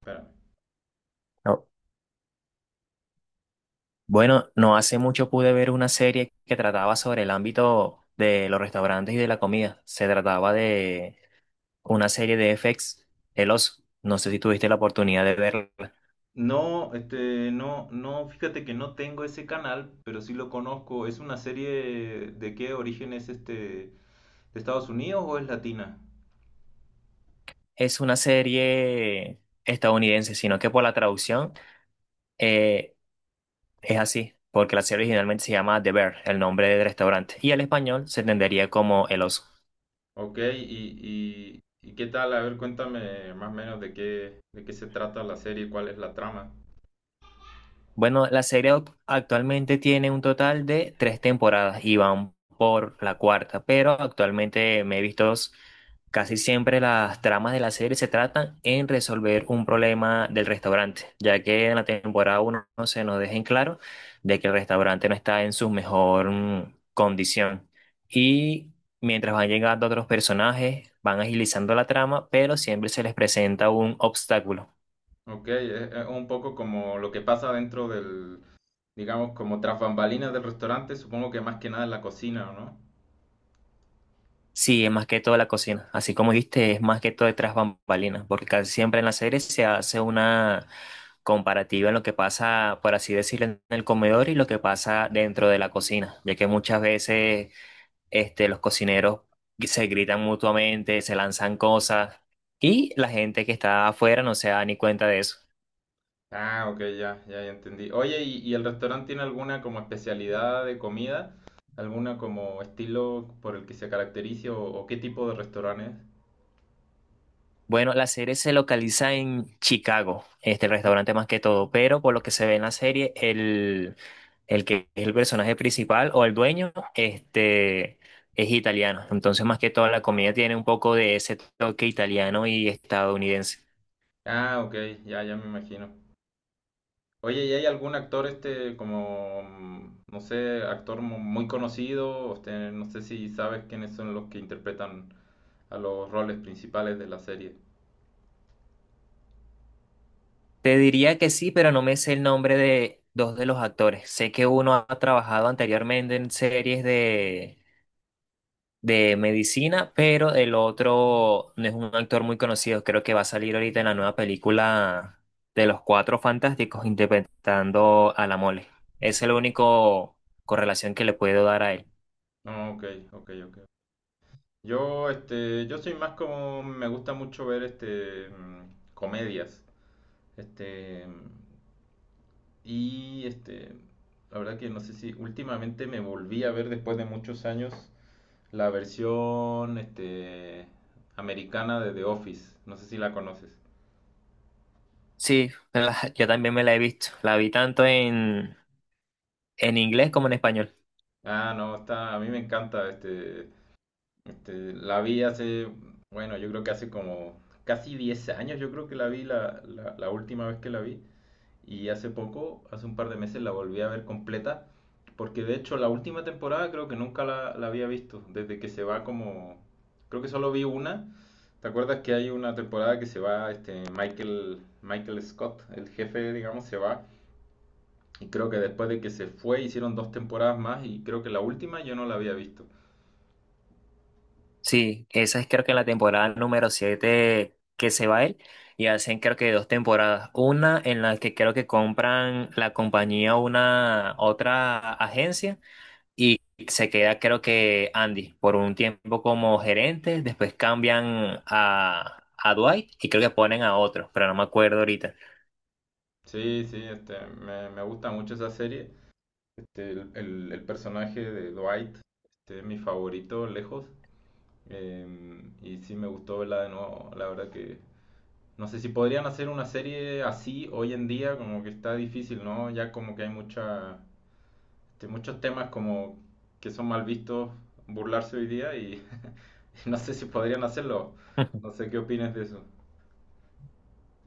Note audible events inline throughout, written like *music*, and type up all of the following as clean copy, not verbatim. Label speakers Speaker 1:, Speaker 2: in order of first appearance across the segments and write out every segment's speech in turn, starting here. Speaker 1: Espérame.
Speaker 2: No, bueno, no hace mucho pude ver una serie que trataba sobre el ámbito de los restaurantes y de la comida. Se trataba de una serie de FX, El Oso. No sé si tuviste la oportunidad de verla.
Speaker 1: No, no, no, fíjate que no tengo ese canal, pero sí lo conozco. ¿Es una serie de qué origen es de Estados Unidos o es latina?
Speaker 2: Es una serie estadounidense, sino que por la traducción eh, es así, porque la serie originalmente se llama The Bear, el nombre del restaurante, y el español se entendería como El Oso.
Speaker 1: Ok, ¿y qué tal? A ver, cuéntame más o menos de qué se trata la serie, cuál es la trama.
Speaker 2: Bueno, la serie actualmente tiene un total de tres temporadas y van por la cuarta, pero actualmente me he visto dos. Casi siempre las tramas de la serie se tratan en resolver un problema del restaurante, ya que en la temporada uno no se nos deja en claro de que el restaurante no está en su mejor condición. Y mientras van llegando otros personajes, van agilizando la trama, pero siempre se les presenta un obstáculo.
Speaker 1: Ok, es un poco como lo que pasa dentro del, digamos, como tras bambalinas del restaurante, supongo que más que nada en la cocina, ¿o no?
Speaker 2: Sí, es más que todo la cocina. Así como dijiste, es más que todo detrás bambalinas, porque casi siempre en la serie se hace una comparativa en lo que pasa, por así decirlo, en el comedor y lo que pasa dentro de la cocina, ya que muchas veces este, los cocineros se gritan mutuamente, se lanzan cosas y la gente que está afuera no se da ni cuenta de eso.
Speaker 1: Ah, ok, ya, ya, ya entendí. Oye, ¿y el restaurante tiene alguna como especialidad de comida? ¿Alguna como estilo por el que se caracterice o qué tipo de restaurante es?
Speaker 2: Bueno, la serie se localiza en Chicago, este el restaurante más que todo, pero por lo que se ve en la serie, el que es el personaje principal o el dueño, este, es italiano. Entonces, más que todo, la comida tiene un poco de ese toque italiano y estadounidense.
Speaker 1: Ah, ok, ya, ya me imagino. Oye, ¿y hay algún actor como, no sé, actor muy conocido? No sé si sabes quiénes son los que interpretan a los roles principales de la serie.
Speaker 2: Te diría que sí, pero no me sé el nombre de dos de los actores. Sé que uno ha trabajado anteriormente en series de medicina, pero el otro no es un actor muy conocido, creo que va a salir ahorita en la nueva película de los Cuatro Fantásticos interpretando a la Mole. Es el único correlación que le puedo dar a él.
Speaker 1: No, ok, ok, ok. Yo soy más como, me gusta mucho ver comedias. Este, y este, la verdad que no sé si últimamente me volví a ver después de muchos años la versión americana de The Office. No sé si la conoces.
Speaker 2: Sí, *laughs* la- yo también me la he visto, la vi tanto en inglés como en español.
Speaker 1: Ah, no, está, a mí me encanta. La vi hace, bueno, yo creo que hace como casi 10 años, yo creo que la vi la última vez que la vi. Y hace poco, hace un par de meses, la volví a ver completa. Porque de hecho la última temporada creo que nunca la había visto. Desde que se va como... Creo que solo vi una. ¿Te acuerdas que hay una temporada que se va Michael Scott, el jefe, digamos, se va? Y creo que después de que se fue hicieron dos temporadas más y creo que la última yo no la había visto.
Speaker 2: Sí, esa es creo que la temporada número 7 que se va él y hacen creo que dos temporadas. Una en la que creo que compran la compañía a una otra agencia y se queda creo que Andy por un tiempo como gerente, después cambian a Dwight y creo que ponen a otro, pero no me acuerdo ahorita.
Speaker 1: Sí, sí, me gusta mucho esa serie. El personaje de Dwight es mi favorito lejos. Y sí me gustó verla de nuevo. La verdad que no sé si podrían hacer una serie así hoy en día, como que está difícil, ¿no? Ya como que hay muchos temas como que son mal vistos burlarse hoy día y, *laughs* y no sé si podrían hacerlo. No
Speaker 2: *laughs*
Speaker 1: sé qué opinas de eso.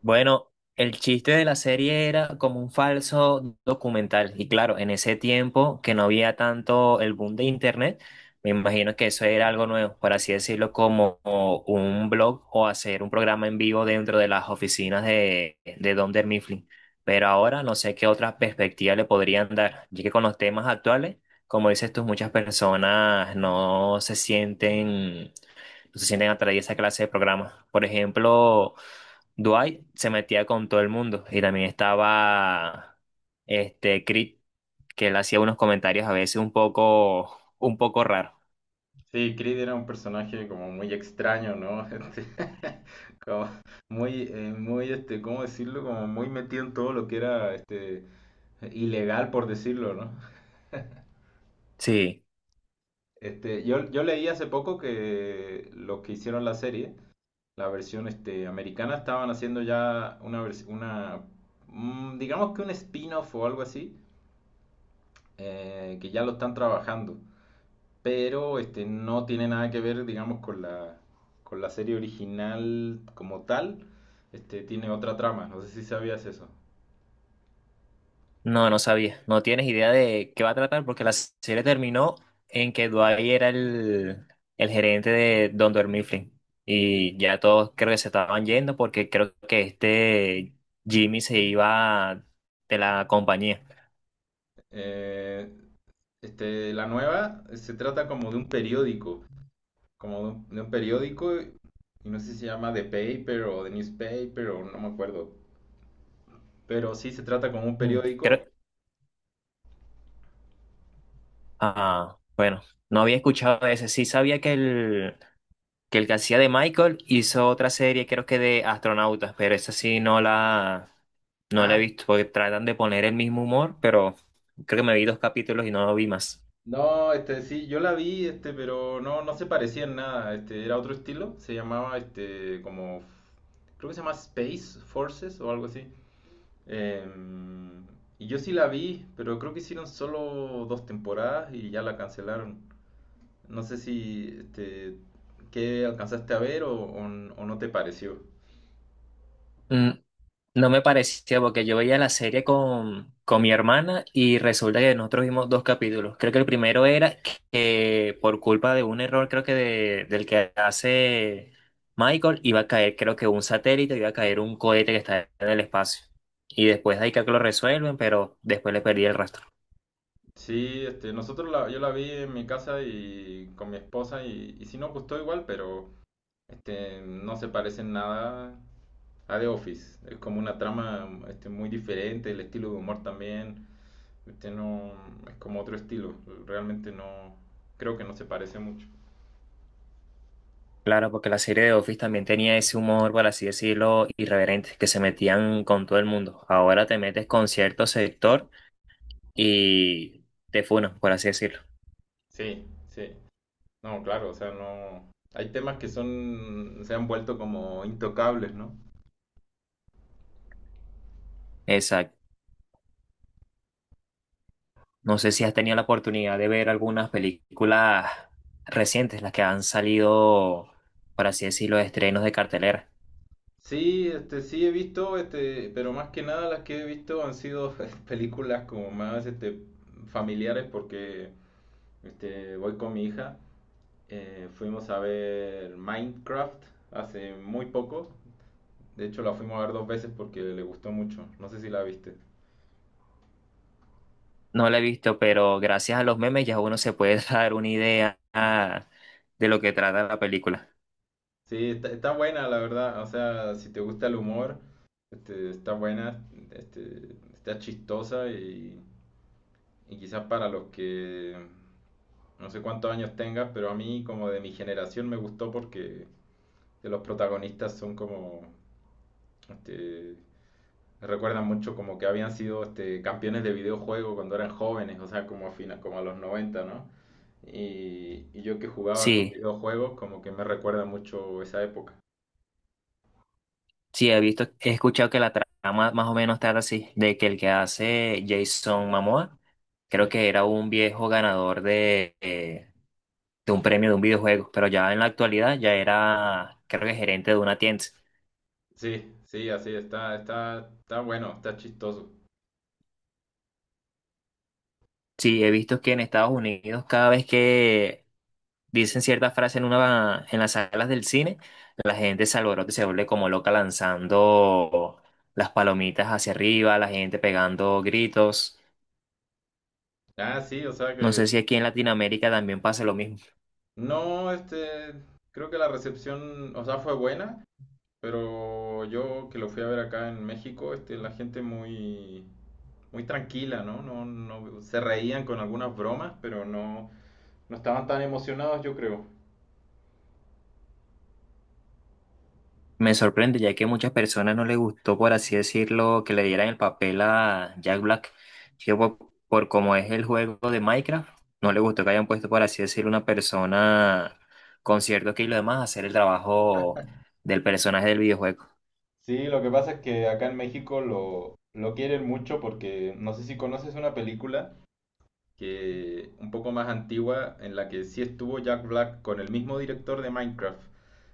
Speaker 2: Bueno, el chiste de la serie era como un falso documental. Y claro, en ese tiempo que no había tanto el boom de internet, me imagino que eso era algo nuevo, por así decirlo, como un blog o hacer un programa en vivo dentro de las oficinas de Don Mifflin. Pero ahora no sé qué otras perspectivas le podrían dar, ya que con los temas actuales, como dices tú, muchas personas no se sienten atraídas a esa clase de programas. Por ejemplo, Dwight se metía con todo el mundo y también estaba este Creed, que él hacía unos comentarios a veces un poco raros.
Speaker 1: Sí, Creed era un personaje como muy extraño, ¿no? *laughs* Como muy, ¿cómo decirlo? Como muy metido en todo lo que era, ilegal, por decirlo, ¿no?
Speaker 2: Sí,
Speaker 1: Yo leí hace poco que los que hicieron la serie, la versión americana, estaban haciendo ya una digamos que un spin-off o algo así, que ya lo están trabajando, pero no tiene nada que ver, digamos, con la serie original como tal, tiene otra trama, no sé si sabías eso.
Speaker 2: no, no sabía. No tienes idea de qué va a tratar porque la serie terminó en que Dwight era el gerente de Don Mifflin y ya todos creo que se estaban yendo porque creo que este Jimmy se iba de la compañía.
Speaker 1: Eh, la nueva se trata como de un periódico como de un periódico, y no sé si se llama The Paper o The Newspaper o no me acuerdo, pero sí se trata como un
Speaker 2: Mm,
Speaker 1: periódico.
Speaker 2: creo, ah, bueno, no había escuchado ese. Sí sabía que el que el que hacía de Michael hizo otra serie, creo que de astronautas, pero esa sí no la he
Speaker 1: Ah,
Speaker 2: visto, porque tratan de poner el mismo humor, pero creo que me vi dos capítulos y no lo vi más.
Speaker 1: no, sí, yo la vi, pero no, no se parecía en nada, era otro estilo, se llamaba como, creo que se llama Space Forces o algo así. Em, y yo sí la vi, pero creo que hicieron solo dos temporadas y ya la cancelaron. No sé si, ¿qué alcanzaste a ver o no te pareció?
Speaker 2: Mm, No me parecía porque yo veía la serie con mi hermana y resulta que nosotros vimos dos capítulos. Creo que el primero era que por culpa de un error, creo que del que hace Michael, iba a caer, creo que un satélite, iba a caer un cohete que está en el espacio. Y después de ahí creo que lo resuelven, pero después le perdí el rastro.
Speaker 1: Sí, yo la vi en mi casa y con mi esposa y sí nos gustó igual, pero no se parece en nada a The Office. Es como una trama muy diferente, el estilo de humor también, no, es como otro estilo. Realmente no, creo que no se parece mucho.
Speaker 2: Claro, porque la serie de Office también tenía ese humor, por así decirlo, irreverente, que se metían con todo el mundo. Ahora te metes con cierto sector y te funan, por así decirlo.
Speaker 1: Sí, sí. No, claro, o sea, no. Hay temas que son, se han vuelto como intocables, ¿no?
Speaker 2: Exacto. No sé si has tenido la oportunidad de ver algunas películas recientes, las que han salido, por así decirlo, estrenos de cartelera.
Speaker 1: Sí, sí he visto, pero más que nada las que he visto han sido *laughs* películas como más, familiares porque, voy con mi hija. Fuimos a ver Minecraft hace muy poco. De hecho, la fuimos a ver dos veces porque le gustó mucho. No sé si la viste.
Speaker 2: No la he visto, pero gracias a los memes ya uno se puede *laughs* dar una idea ah, de lo que trata la película.
Speaker 1: Sí, está buena, la verdad. O sea, si te gusta el humor, está buena, este, está chistosa y quizás para los que. No sé cuántos años tengas, pero a mí como de mi generación me gustó porque de los protagonistas son como... Este, me recuerdan mucho como que habían sido campeones de videojuego cuando eran jóvenes, o sea, como a los 90, ¿no? Y yo que jugaba hartos
Speaker 2: Sí,
Speaker 1: videojuegos, como que me recuerda mucho esa época.
Speaker 2: sí, he visto, he escuchado que la trama más o menos trata así, de que el que hace Jason Momoa, creo
Speaker 1: Sí,
Speaker 2: que era un viejo ganador de un premio de un videojuego, pero ya en la actualidad ya era, creo que gerente de una tienda.
Speaker 1: sí, sí, así está bueno, está chistoso.
Speaker 2: Sí, he visto que en Estados Unidos cada vez que dicen cierta frase en una en las salas del cine, la gente se alborota y se vuelve como loca lanzando las palomitas hacia arriba, la gente pegando gritos.
Speaker 1: Ah, sí, o sea
Speaker 2: No sé
Speaker 1: que
Speaker 2: si aquí en Latinoamérica también pasa lo mismo.
Speaker 1: no, creo que la recepción, o sea, fue buena. Pero yo que lo fui a ver acá en México, la gente muy, muy tranquila, ¿no? No, no, se reían con algunas bromas, pero no, no estaban tan emocionados, yo creo.
Speaker 2: Me sorprende ya que a muchas personas no les gustó, por así decirlo, que le dieran el papel a Jack Black. Yo, por, por como es el juego de Minecraft, no le gustó que hayan puesto, por así decirlo, una persona con cierto que y lo demás a hacer el trabajo del personaje del videojuego.
Speaker 1: Sí, lo que pasa es que acá en México lo quieren mucho porque no sé si conoces una película que un poco más antigua, en la que sí estuvo Jack Black con el mismo director de Minecraft,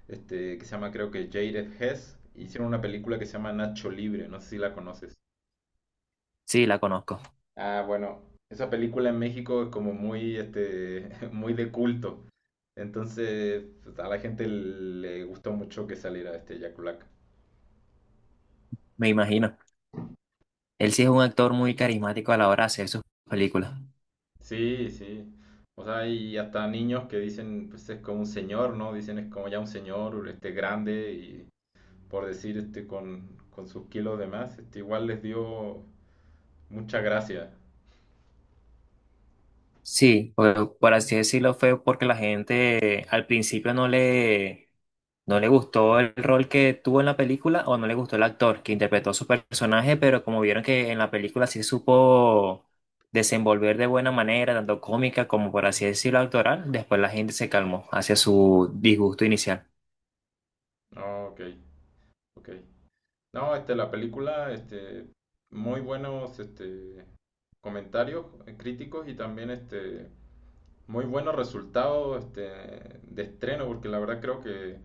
Speaker 1: que se llama creo que Jared Hess, hicieron una película que se llama Nacho Libre, no sé si la conoces.
Speaker 2: Sí, la conozco,
Speaker 1: Ah, bueno, esa película en México es como muy, *laughs* muy de culto. Entonces, pues, a la gente le gustó mucho que saliera Jack Black.
Speaker 2: me imagino. Él sí es un actor muy carismático a la hora de hacer sus películas.
Speaker 1: Sí, sí. O sea, y hasta niños que dicen, pues es como un señor, ¿no? Dicen es como ya un señor, grande y por decir, con sus kilos de más, igual les dio mucha gracia.
Speaker 2: Sí, por así decirlo, fue porque la gente al principio no le gustó el rol que tuvo en la película o no le gustó el actor que interpretó su personaje, pero como vieron que en la película sí supo desenvolver de buena manera, tanto cómica como por así decirlo actoral, después la gente se calmó hacia su disgusto inicial.
Speaker 1: Ah, ok, ok. No, la película, muy buenos, comentarios críticos y también, muy buenos resultados, de estreno, porque la verdad creo que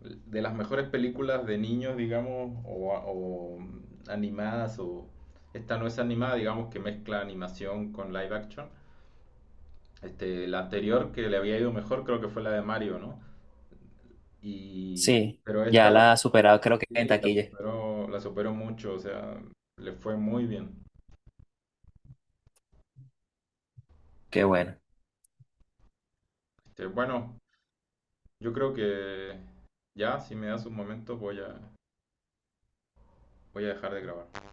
Speaker 1: de las mejores películas de niños, digamos, o, animadas, o esta no es animada, digamos, que mezcla animación con live action. La anterior que le había ido mejor creo que fue la de Mario, ¿no? Y,
Speaker 2: Sí,
Speaker 1: pero
Speaker 2: ya
Speaker 1: esta la,
Speaker 2: la ha superado creo que en
Speaker 1: sí, la
Speaker 2: taquilla.
Speaker 1: superó, la superó mucho, o sea, le fue muy bien.
Speaker 2: Qué bueno.
Speaker 1: Bueno, yo creo que ya, si me das un momento, voy a dejar de grabar.